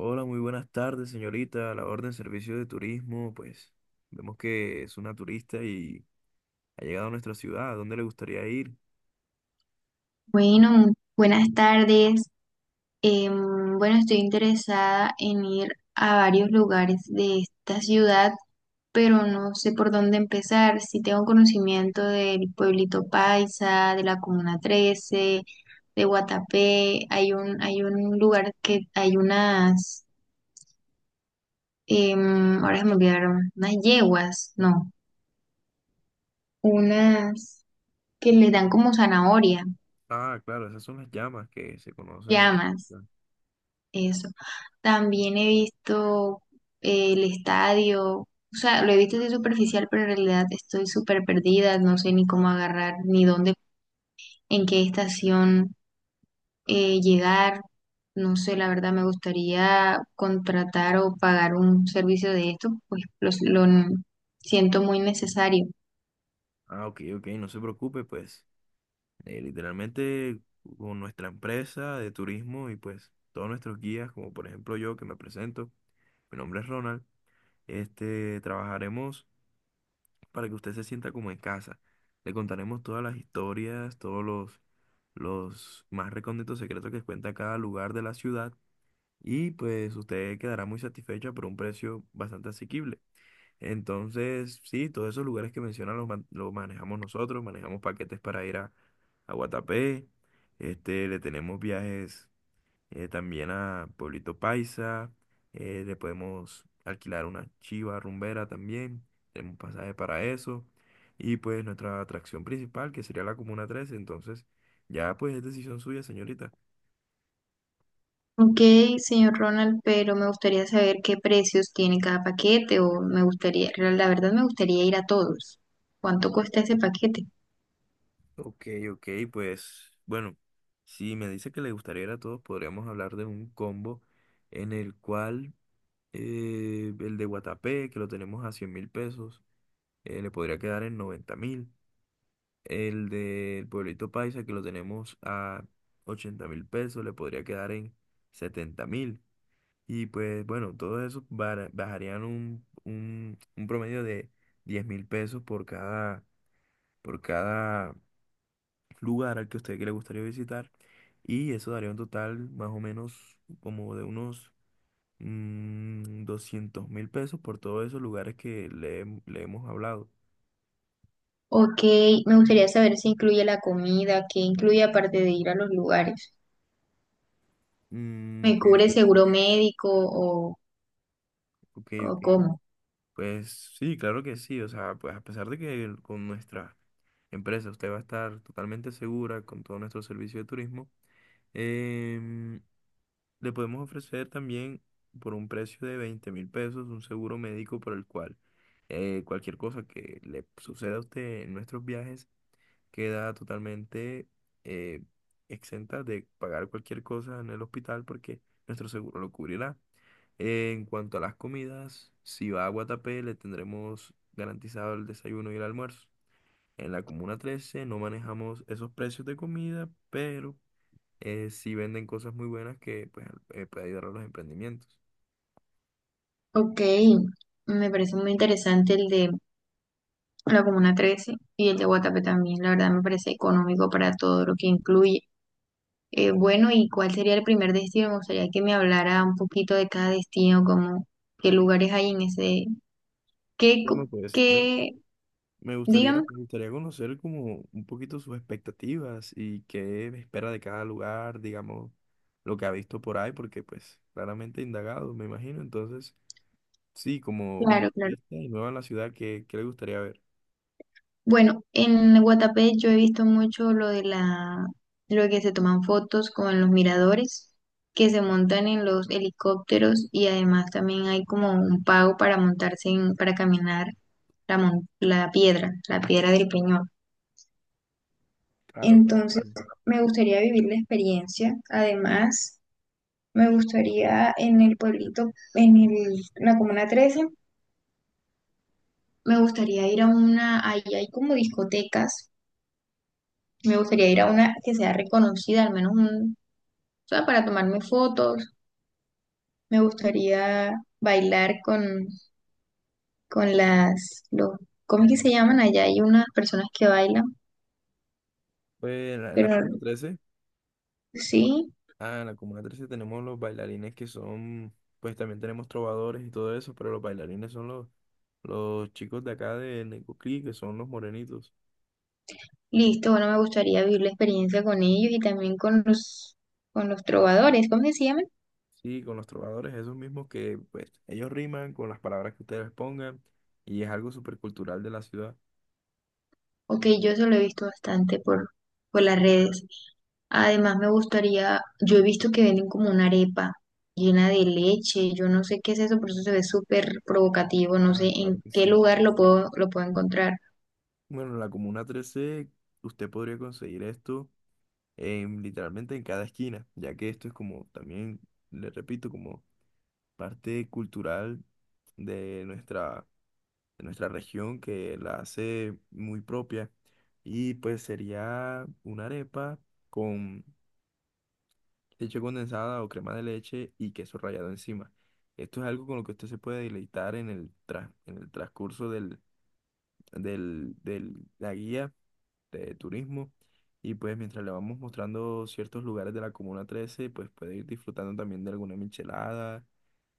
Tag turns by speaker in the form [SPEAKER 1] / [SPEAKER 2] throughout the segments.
[SPEAKER 1] Hola, muy buenas tardes, señorita. A la orden servicio de turismo, pues vemos que es una turista y ha llegado a nuestra ciudad. ¿A dónde le gustaría ir?
[SPEAKER 2] Bueno, buenas tardes. Bueno, estoy interesada en ir a varios lugares de esta ciudad, pero no sé por dónde empezar. Si tengo conocimiento del pueblito Paisa, de la Comuna 13, de Guatapé, hay un lugar que hay unas, ahora se me olvidaron, unas yeguas, no, unas que les dan como zanahoria,
[SPEAKER 1] Ah, claro, esas son las llamas que se conocen así.
[SPEAKER 2] llamas. Eso. También he visto el estadio, o sea, lo he visto así superficial, pero en realidad estoy súper perdida, no sé ni cómo agarrar, ni dónde, en qué estación llegar. No sé, la verdad me gustaría contratar o pagar un servicio de esto, pues lo, siento muy necesario.
[SPEAKER 1] Ah, ok, ok, no se preocupe, pues literalmente con nuestra empresa de turismo y pues todos nuestros guías, como por ejemplo yo que me presento, mi nombre es Ronald, este, trabajaremos para que usted se sienta como en casa. Le contaremos todas las historias, los más recónditos secretos que cuenta cada lugar de la ciudad y pues usted quedará muy satisfecha por un precio bastante asequible. Entonces, sí, todos esos lugares que menciona los manejamos nosotros, manejamos paquetes para ir a Guatapé, este, le tenemos viajes, también a Pueblito Paisa. Eh, le podemos alquilar una chiva rumbera también, tenemos pasaje para eso, y pues nuestra atracción principal que sería la Comuna 13. Entonces ya pues es decisión suya, señorita.
[SPEAKER 2] Ok, señor Ronald, pero me gustaría saber qué precios tiene cada paquete o me gustaría, la verdad me gustaría ir a todos. ¿Cuánto cuesta ese paquete?
[SPEAKER 1] Ok, ok, pues bueno, si me dice que le gustaría ir a todos, podríamos hablar de un combo en el cual el de Guatapé, que lo tenemos a 100 mil pesos, le podría quedar en 90 mil. El del pueblito paisa que lo tenemos a 80 mil pesos le podría quedar en 70 mil. Y pues bueno, todo eso bajarían un promedio de 10 mil pesos por cada lugar al que a usted que le gustaría visitar. Y eso daría un total más o menos como de unos 200 mil pesos por todos esos lugares que le hemos hablado.
[SPEAKER 2] Ok, me gustaría saber si incluye la comida, qué incluye aparte de ir a los lugares. ¿Me
[SPEAKER 1] Ok,
[SPEAKER 2] cubre
[SPEAKER 1] ok,
[SPEAKER 2] seguro médico
[SPEAKER 1] ok.
[SPEAKER 2] o
[SPEAKER 1] Ok.
[SPEAKER 2] cómo?
[SPEAKER 1] Pues sí, claro que sí. O sea, pues a pesar de que con nuestra empresa usted va a estar totalmente segura con todo nuestro servicio de turismo. Em, le podemos ofrecer también por un precio de 20 mil pesos un seguro médico por el cual cualquier cosa que le suceda a usted en nuestros viajes queda totalmente eh, exenta de pagar cualquier cosa en el hospital porque nuestro seguro lo cubrirá. En cuanto a las comidas, si va a Guatapé le tendremos garantizado el desayuno y el almuerzo. En la Comuna 13 no manejamos esos precios de comida, pero sí venden cosas muy buenas que pues, puede ayudar a los emprendimientos.
[SPEAKER 2] Ok, me parece muy interesante el de la Comuna 13 y el de Guatapé también. La verdad me parece económico para todo lo que incluye. Bueno, ¿y cuál sería el primer destino? Me gustaría que me hablara un poquito de cada destino, como qué lugares hay en ese, qué,
[SPEAKER 1] Bueno, pues ve,
[SPEAKER 2] qué, dígame.
[SPEAKER 1] me gustaría conocer como un poquito sus expectativas y qué espera de cada lugar, digamos, lo que ha visto por ahí, porque pues claramente he indagado, me imagino. Entonces, sí, como, como
[SPEAKER 2] Claro, claro.
[SPEAKER 1] turista y nueva en la ciudad, qué le gustaría ver?
[SPEAKER 2] Bueno, en Guatapé yo he visto mucho lo de la, lo de que se toman fotos con los miradores, que se montan en los helicópteros y además también hay como un pago para montarse en, para caminar la, la piedra del Peñón.
[SPEAKER 1] Claro, claro que
[SPEAKER 2] Entonces,
[SPEAKER 1] sí.
[SPEAKER 2] me gustaría vivir la experiencia. Además, me gustaría en el pueblito, en la Comuna 13, me gustaría ir a una, ahí hay como discotecas. Me gustaría ir a una que sea reconocida, al menos un, o sea, para tomarme fotos. Me gustaría bailar con las, los, ¿cómo es que se llaman? Allá hay unas personas que bailan,
[SPEAKER 1] Pues en la
[SPEAKER 2] pero
[SPEAKER 1] Comuna trece,
[SPEAKER 2] sí,
[SPEAKER 1] ah, en la Comuna trece tenemos los bailarines que son, pues también tenemos trovadores y todo eso, pero los bailarines son los chicos de acá de Necoclí, que son los morenitos.
[SPEAKER 2] listo, bueno, me gustaría vivir la experiencia con ellos y también con los trovadores, ¿cómo es que se llaman?
[SPEAKER 1] Sí, con los trovadores, esos mismos que, pues, ellos riman con las palabras que ustedes pongan y es algo súper cultural de la ciudad.
[SPEAKER 2] Ok, yo eso lo he visto bastante por las redes. Además, me gustaría, yo he visto que venden como una arepa llena de leche, yo no sé qué es eso, por eso se ve súper provocativo, no sé
[SPEAKER 1] Ah, claro
[SPEAKER 2] en
[SPEAKER 1] que
[SPEAKER 2] qué
[SPEAKER 1] sí.
[SPEAKER 2] lugar lo puedo encontrar.
[SPEAKER 1] Bueno, en la Comuna trece usted podría conseguir esto en, literalmente en cada esquina, ya que esto es como también, le repito, como parte cultural de nuestra, de nuestra región que la hace muy propia. Y pues sería una arepa con leche condensada o crema de leche y queso rallado encima. Esto es algo con lo que usted se puede deleitar en en el transcurso del, del, del- la guía de turismo. Y pues mientras le vamos mostrando ciertos lugares de la Comuna trece pues puede ir disfrutando también de alguna michelada,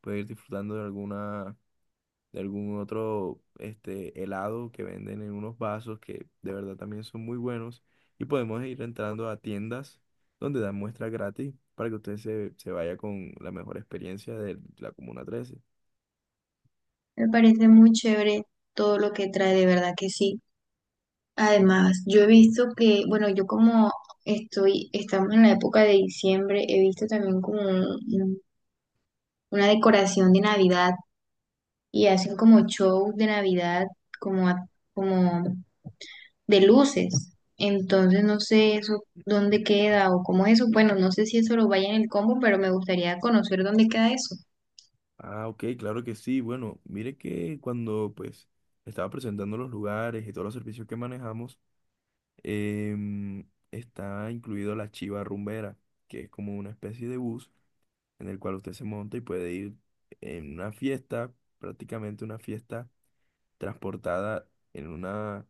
[SPEAKER 1] puede ir disfrutando de alguna, de algún otro este, helado que venden en unos vasos que de verdad también son muy buenos. Y podemos ir entrando a tiendas donde dan muestras gratis para que se vaya con la mejor experiencia de la Comuna Trece.
[SPEAKER 2] Me parece muy chévere todo lo que trae, de verdad que sí. Además, yo he visto que, bueno, yo como estoy, estamos en la época de diciembre, he visto también como una decoración de Navidad y hacen como show de Navidad, como, como de luces. Entonces no sé eso dónde queda o cómo es eso. Bueno, no sé si eso lo vaya en el combo, pero me gustaría conocer dónde queda eso.
[SPEAKER 1] Ah, ok, claro que sí. Bueno, mire que cuando pues estaba presentando los lugares y todos los servicios que manejamos, está incluido la Chiva Rumbera, que es como una especie de bus en el cual usted se monta y puede ir en una fiesta, prácticamente una fiesta transportada en una,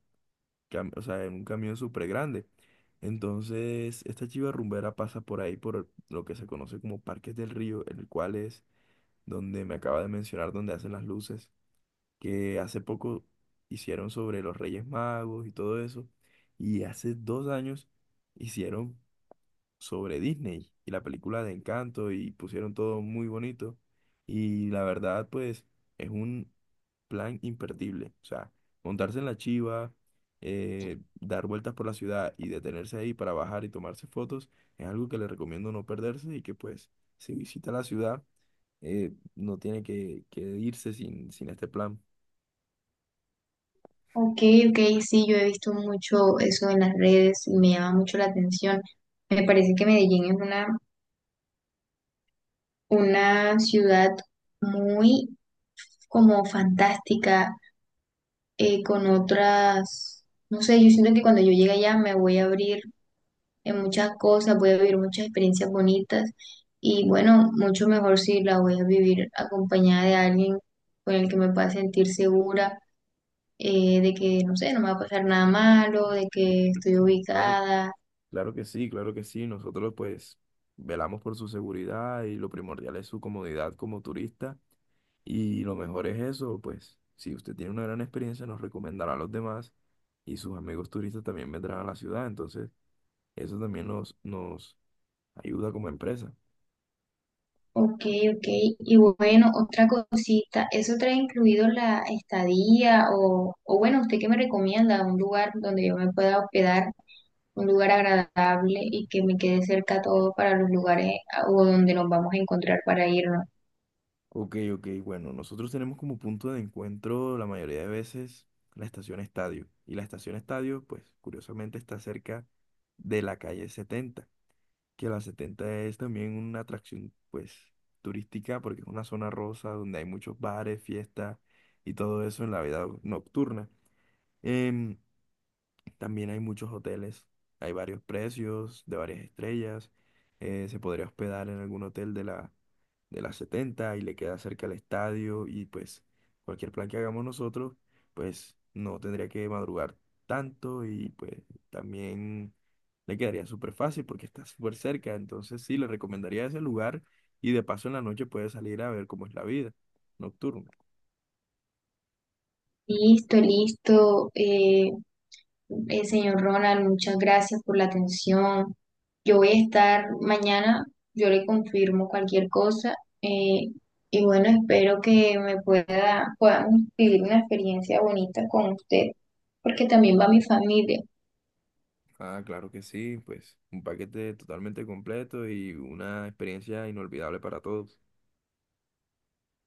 [SPEAKER 1] cam- o sea, en un camión súper grande. Entonces, esta chiva rumbera pasa por ahí, por lo que se conoce como Parques del Río, el cual es donde me acaba de mencionar, donde hacen las luces, que hace poco hicieron sobre los Reyes Magos y todo eso, y hace dos años hicieron sobre Disney y la película de Encanto y pusieron todo muy bonito. Y la verdad, pues, es un plan imperdible. O sea, montarse en la chiva, dar vueltas por la ciudad y detenerse ahí para bajar y tomarse fotos es algo que le recomiendo no perderse y que, pues, si visita la ciudad, no tiene que irse sin este plan.
[SPEAKER 2] Ok, ok, sí, yo he visto mucho eso en las redes y me llama mucho la atención. Me parece que Medellín es una ciudad muy como fantástica, con otras, no sé, yo siento que cuando yo llegue allá me voy a abrir en muchas cosas, voy a vivir muchas experiencias bonitas y bueno, mucho mejor si la voy a vivir acompañada de alguien con el que me pueda sentir segura de que, no sé, no me va a pasar nada malo, de que estoy
[SPEAKER 1] Claro.
[SPEAKER 2] ubicada.
[SPEAKER 1] Claro que sí, claro que sí. Nosotros pues velamos por su seguridad y lo primordial es su comodidad como turista. Y lo mejor es eso, pues si usted tiene una gran experiencia nos recomendará a los demás y sus amigos turistas también vendrán a la ciudad. Entonces eso también nos ayuda como empresa.
[SPEAKER 2] Ok, ok. Y bueno, otra cosita, ¿eso trae incluido la estadía o bueno, usted qué me recomienda? Un lugar donde yo me pueda hospedar, un lugar agradable y que me quede cerca todo para los lugares ah, o donde nos vamos a encontrar para irnos.
[SPEAKER 1] Ok, ok, bueno, nosotros tenemos como punto de encuentro la mayoría de veces la estación Estadio. Y la estación Estadio pues curiosamente está cerca de la calle 70. Que la 70 es también una atracción, pues, turística, porque es una zona rosa donde hay muchos bares, fiestas y todo eso en la vida nocturna. Em, también hay muchos hoteles, hay varios precios de varias estrellas. Eh, se podría hospedar en algún hotel de las 70 y le queda cerca el estadio y pues cualquier plan que hagamos nosotros, pues no tendría que madrugar tanto y pues también le quedaría súper fácil porque está súper cerca. Entonces sí, le recomendaría ese lugar y de paso en la noche puede salir a ver cómo es la vida nocturna.
[SPEAKER 2] Listo, listo. Señor Ronald, muchas gracias por la atención. Yo voy a estar mañana, yo le confirmo cualquier cosa. eh, y bueno, espero que me pueda, podamos vivir una experiencia bonita con usted, porque también va mi familia.
[SPEAKER 1] Ah, claro que sí, pues un paquete totalmente completo y una experiencia inolvidable para todos.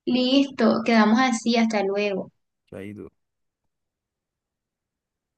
[SPEAKER 2] Listo, quedamos así, hasta luego.
[SPEAKER 1] Chaito.